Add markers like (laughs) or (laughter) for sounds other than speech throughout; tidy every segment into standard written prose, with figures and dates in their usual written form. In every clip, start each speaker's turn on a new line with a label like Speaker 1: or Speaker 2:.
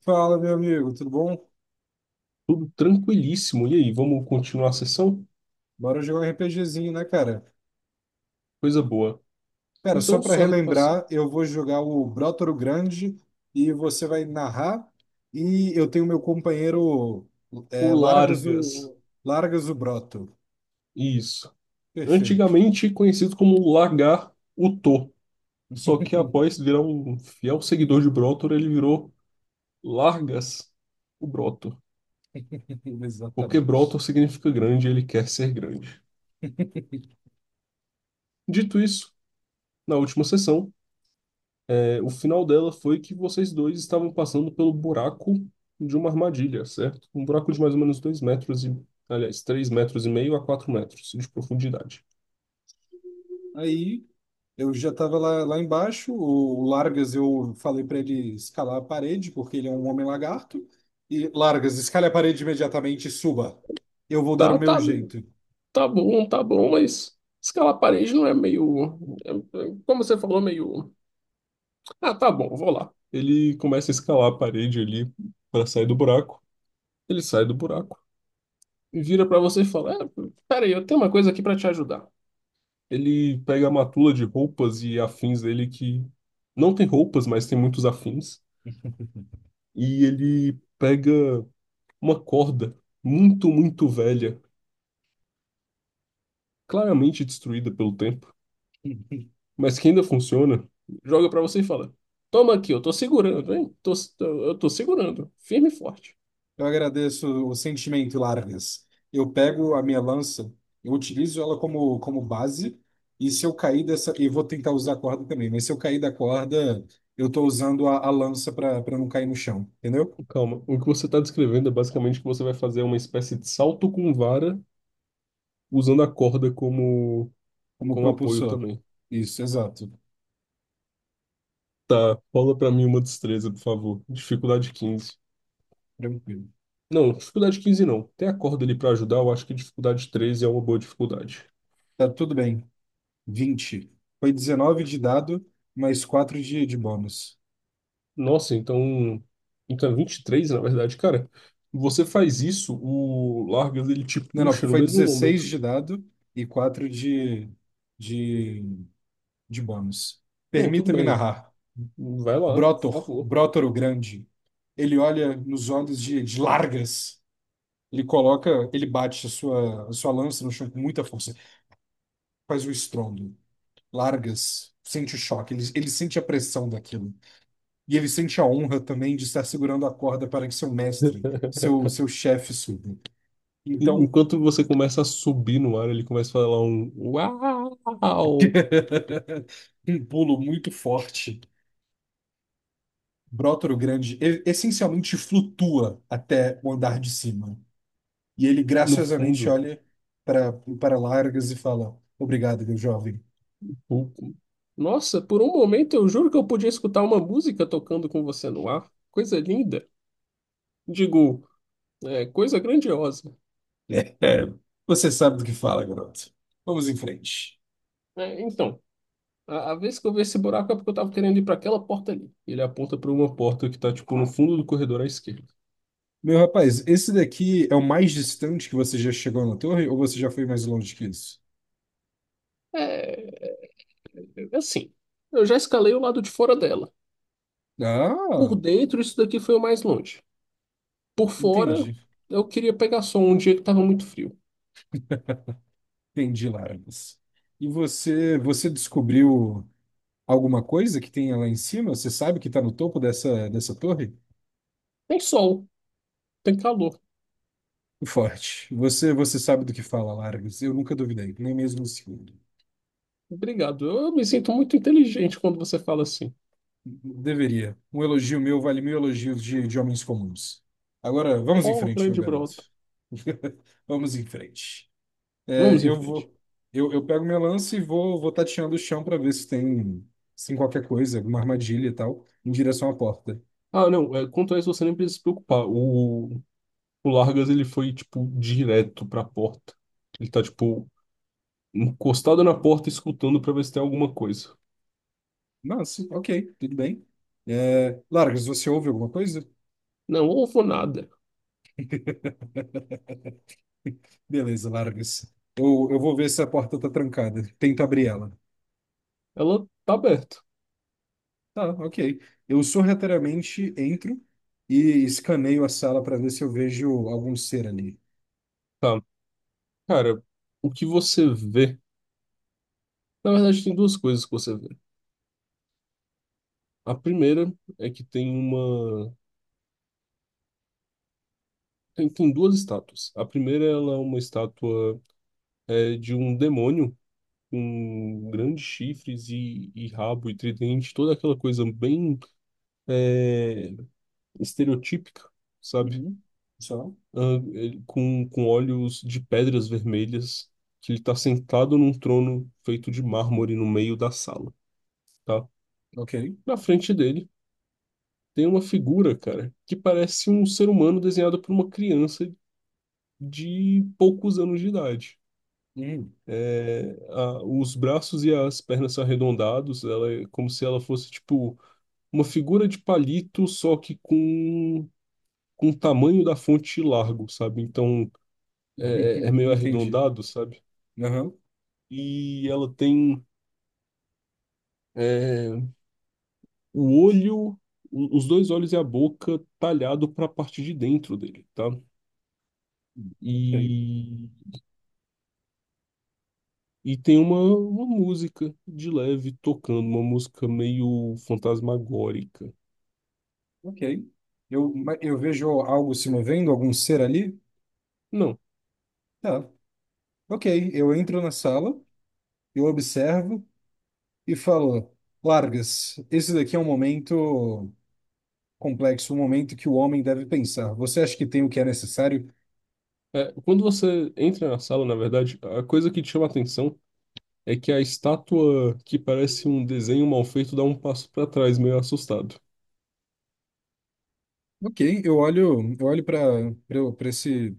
Speaker 1: Fala, meu amigo, tudo bom?
Speaker 2: Tudo tranquilíssimo. E aí, vamos continuar a sessão?
Speaker 1: Bora jogar um RPGzinho, né, cara?
Speaker 2: Coisa boa.
Speaker 1: Cara, só
Speaker 2: Então,
Speaker 1: para
Speaker 2: só repassar.
Speaker 1: relembrar, eu vou jogar o Brotoro Grande e você vai narrar. E eu tenho meu companheiro,
Speaker 2: O
Speaker 1: é, Largas
Speaker 2: Largas.
Speaker 1: o Largas o Broto.
Speaker 2: Isso.
Speaker 1: Perfeito.
Speaker 2: Antigamente conhecido como Lagar Utô. Só que após
Speaker 1: (laughs)
Speaker 2: virar um fiel seguidor de Brotor, ele virou Largas o Brotor. Porque
Speaker 1: Exatamente.
Speaker 2: Brotor significa grande e ele quer ser grande. Dito isso, na última sessão, o final dela foi que vocês dois estavam passando pelo buraco de uma armadilha, certo? Um buraco de mais ou menos 2 metros e, aliás, 3,5 metros a 4 metros de profundidade.
Speaker 1: Aí eu já estava lá embaixo. O Largas, eu falei para ele escalar a parede, porque ele é um homem lagarto. E Largas, escale a parede imediatamente e suba. Eu vou dar o
Speaker 2: Tá,
Speaker 1: meu
Speaker 2: tá,
Speaker 1: jeito.
Speaker 2: tá bom, mas escalar a parede não é meio. é- é, como você falou, meio. Ah, tá bom, vou lá. Ele começa a escalar a parede ali para sair do buraco. Ele sai do buraco e vira para você e fala: É, peraí, eu tenho uma coisa aqui para te ajudar. Ele pega a matula de roupas e afins dele que não tem roupas, mas tem muitos afins.
Speaker 1: (laughs)
Speaker 2: E ele pega uma corda muito, muito velha, claramente destruída pelo tempo, mas que ainda funciona, joga pra você e fala: Toma aqui, eu tô segurando, hein? Eu tô segurando, firme e forte.
Speaker 1: Eu agradeço o sentimento, Largas. Eu pego a minha lança, eu utilizo ela como base, e se eu cair dessa. E vou tentar usar a corda também, mas se eu cair da corda, eu estou usando a lança para não cair no chão, entendeu?
Speaker 2: Calma, o que você está descrevendo é basicamente que você vai fazer uma espécie de salto com vara, usando a corda como,
Speaker 1: Como
Speaker 2: como apoio
Speaker 1: propulsor.
Speaker 2: também.
Speaker 1: Isso, exato.
Speaker 2: Tá, rola pra mim uma destreza, por favor. Dificuldade 15.
Speaker 1: Tranquilo.
Speaker 2: Não, dificuldade 15 não. Tem a corda ali pra ajudar, eu acho que dificuldade 13 é uma boa dificuldade.
Speaker 1: Tá tudo bem. 20. Foi 19 de dado, mais 4 de bônus.
Speaker 2: Nossa, então. Então é 23 na verdade, cara. Você faz isso, o Largas ele te
Speaker 1: Não, não,
Speaker 2: puxa no
Speaker 1: foi
Speaker 2: mesmo
Speaker 1: 16
Speaker 2: momento.
Speaker 1: de dado e 4 de, de Bonos.
Speaker 2: Não, tudo
Speaker 1: Permita-me
Speaker 2: bem.
Speaker 1: narrar.
Speaker 2: Vai lá, por
Speaker 1: Brotor,
Speaker 2: favor.
Speaker 1: Brotor o Grande, ele olha nos olhos de Largas. Ele coloca, ele bate a sua lança no chão com muita força. Faz o estrondo. Largas sente o choque, ele sente a pressão daquilo. E ele sente a honra também de estar segurando a corda para que seu mestre, seu,
Speaker 2: (laughs)
Speaker 1: seu chefe suba.
Speaker 2: E
Speaker 1: Então,
Speaker 2: enquanto você começa a subir no ar, ele começa a falar um uau
Speaker 1: (laughs) um pulo muito forte. Brotor o Grande essencialmente flutua até o andar de cima. E ele
Speaker 2: no
Speaker 1: graciosamente
Speaker 2: fundo.
Speaker 1: olha para para Largas e fala: Obrigado, meu jovem.
Speaker 2: O- Nossa, por um momento eu juro que eu podia escutar uma música tocando com você no ar. Coisa linda. Digo, coisa grandiosa.
Speaker 1: É, é, Você sabe do que fala, garoto. Vamos em frente.
Speaker 2: É, então, a vez que eu vi esse buraco é porque eu tava querendo ir para aquela porta ali. Ele aponta para uma porta que tá, tipo, no fundo do corredor à esquerda.
Speaker 1: Meu rapaz, esse daqui é o mais distante que você já chegou na torre, ou você já foi mais longe que isso?
Speaker 2: É, assim, eu já escalei o lado de fora dela.
Speaker 1: Ah,
Speaker 2: Por dentro, isso daqui foi o mais longe. Por fora,
Speaker 1: entendi.
Speaker 2: eu queria pegar sol um dia que tava muito frio.
Speaker 1: Entendi, Largas. E você, você descobriu alguma coisa que tenha lá em cima? Você sabe que está no topo dessa torre?
Speaker 2: Tem sol, tem calor.
Speaker 1: Forte. Você, você sabe do que fala, Largas. Eu nunca duvidei, nem mesmo um segundo.
Speaker 2: Obrigado. Eu me sinto muito inteligente quando você fala assim.
Speaker 1: Deveria. Um elogio meu vale mil elogios de homens comuns. Agora, vamos em
Speaker 2: Oh,
Speaker 1: frente, meu
Speaker 2: grande
Speaker 1: garoto.
Speaker 2: brota.
Speaker 1: (laughs) Vamos em frente. É,
Speaker 2: Vamos em
Speaker 1: eu
Speaker 2: frente.
Speaker 1: vou, eu, eu pego minha lança e vou tateando o chão para ver se tem, qualquer coisa, alguma armadilha e tal, em direção à porta.
Speaker 2: Ah, não, quanto a isso você nem precisa se preocupar. O Largas, ele foi, tipo, direto pra porta. Ele tá, tipo, encostado na porta, escutando pra ver se tem alguma coisa.
Speaker 1: Nossa, ok, tudo bem. É, Largas, você ouve alguma coisa?
Speaker 2: Não houve nada.
Speaker 1: (laughs) Beleza, Largas. Eu vou ver se a porta tá trancada. Tento abrir ela.
Speaker 2: Ela tá aberta.
Speaker 1: Tá, ok. Eu sorrateiramente entro e escaneio a sala para ver se eu vejo algum ser ali.
Speaker 2: Tá. Cara, o que você vê. Na verdade, tem duas coisas que você vê. A primeira é que tem uma. Tem duas estátuas. A primeira, ela é uma estátua de um demônio com grandes chifres e rabo e tridente, toda aquela coisa bem é, estereotípica, sabe?
Speaker 1: Uhum. Só?
Speaker 2: Ah, com olhos de pedras vermelhas, que ele tá sentado num trono feito de mármore no meio da sala, tá?
Speaker 1: Ok.
Speaker 2: Na frente dele tem uma figura, cara, que parece um ser humano desenhado por uma criança de poucos anos de idade.
Speaker 1: Hum.
Speaker 2: É, os braços e as pernas são arredondados, ela é como se ela fosse, tipo, uma figura de palito, só que com o tamanho da fonte largo, sabe? Então é
Speaker 1: (laughs)
Speaker 2: meio
Speaker 1: Entendi.
Speaker 2: arredondado, sabe?
Speaker 1: Aham.
Speaker 2: E ela tem é, o olho, os dois olhos e a boca talhado para a parte de dentro dele, tá?
Speaker 1: Ok.
Speaker 2: E, e tem uma música de leve tocando, uma música meio fantasmagórica.
Speaker 1: Ok. Eu vejo algo se movendo, algum ser ali?
Speaker 2: Não.
Speaker 1: Tá. Ok. Eu entro na sala, eu observo e falo: Largas, esse daqui é um momento complexo, um momento que o homem deve pensar. Você acha que tem o que é necessário?
Speaker 2: É, quando você entra na sala, na verdade, a coisa que te chama a atenção é que a estátua que parece um desenho mal feito dá um passo para trás, meio assustado.
Speaker 1: Ok, eu olho para esse.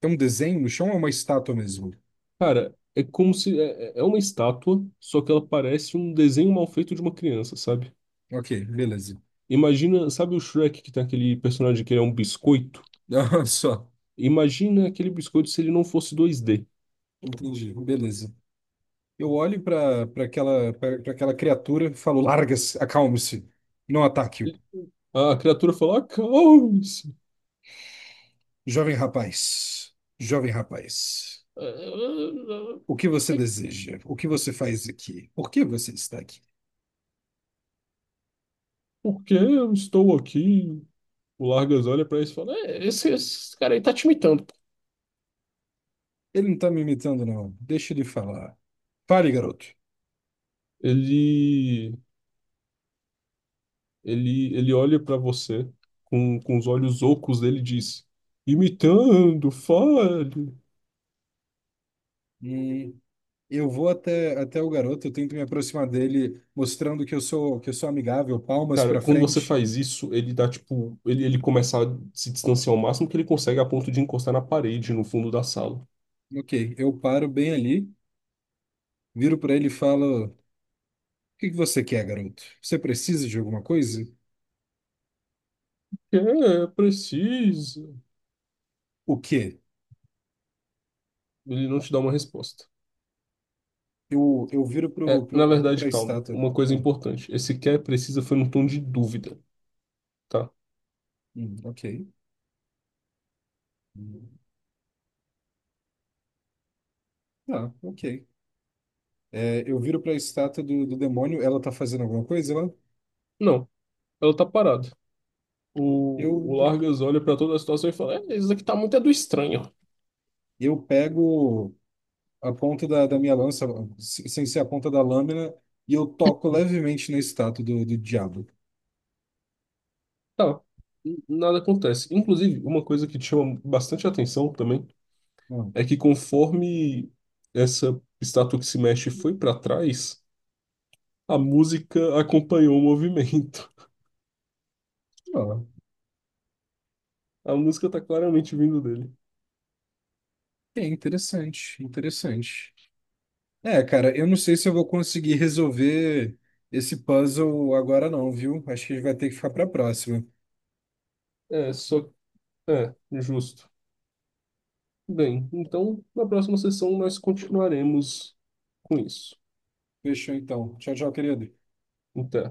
Speaker 1: Tem um desenho no chão ou é uma estátua mesmo?
Speaker 2: Cara, é como se. É uma estátua, só que ela parece um desenho mal feito de uma criança, sabe?
Speaker 1: Ok, beleza. (laughs)
Speaker 2: Imagina, sabe o Shrek que tem aquele personagem que ele é um biscoito?
Speaker 1: Ah, só,
Speaker 2: Imagina aquele biscoito se ele não fosse dois d.
Speaker 1: entendi, beleza. Eu olho para aquela criatura e falo: larga-se, acalme-se, não ataque-o.
Speaker 2: Ele- a criatura fala: Acalme-se!
Speaker 1: Jovem rapaz,
Speaker 2: Ah, ah, ah,
Speaker 1: o que você
Speaker 2: que-
Speaker 1: deseja? O que você faz aqui? Por que você está aqui?
Speaker 2: Por que eu estou aqui? O Largas olha pra isso e fala: "É, esse cara aí tá te imitando.
Speaker 1: Ele não está me imitando, não. Deixa ele falar. Fale, garoto.
Speaker 2: Ele. Ele olha para você com os olhos ocos dele e diz: imitando, fale.
Speaker 1: Hum, Eu vou até o garoto, eu tento me aproximar dele, mostrando que eu sou amigável, palmas
Speaker 2: Cara,
Speaker 1: para
Speaker 2: quando você
Speaker 1: frente.
Speaker 2: faz isso, ele dá tipo. Ele começa a se distanciar ao máximo que ele consegue a ponto de encostar na parede no fundo da sala.
Speaker 1: Ok, eu paro bem ali, viro para ele e falo: O que que você quer, garoto? Você precisa de alguma coisa?
Speaker 2: É, precisa.
Speaker 1: O quê?
Speaker 2: Ele não te dá uma resposta.
Speaker 1: Eu viro
Speaker 2: É,
Speaker 1: pro,
Speaker 2: na
Speaker 1: pro, para
Speaker 2: verdade,
Speaker 1: a
Speaker 2: calma.
Speaker 1: estátua.
Speaker 2: Uma coisa
Speaker 1: Eu,
Speaker 2: importante. Esse quer precisa foi num tom de dúvida, tá?
Speaker 1: Hum, ok. Hum, tá, ok. É, eu viro para a estátua do demônio, ela tá fazendo alguma coisa lá?
Speaker 2: Não, ela tá parada. O,
Speaker 1: Eu,
Speaker 2: o Largas olha pra toda a situação e fala: Isso aqui tá muito do estranho.
Speaker 1: eu pego a ponta da minha lança, sem ser a ponta da lâmina, e eu toco levemente na estátua do diabo.
Speaker 2: Tá, nada acontece. Inclusive, uma coisa que te chama bastante atenção também
Speaker 1: Ah,
Speaker 2: é que conforme essa estátua que se mexe foi para trás, a música acompanhou o movimento.
Speaker 1: ó,
Speaker 2: (laughs) A música tá claramente vindo dele.
Speaker 1: é interessante, interessante. É, cara, eu não sei se eu vou conseguir resolver esse puzzle agora não, viu? Acho que a gente vai ter que ficar pra próxima.
Speaker 2: É, só. É, justo. Bem, então na próxima sessão nós continuaremos com isso.
Speaker 1: Fechou então. Tchau, tchau, querido.
Speaker 2: Até.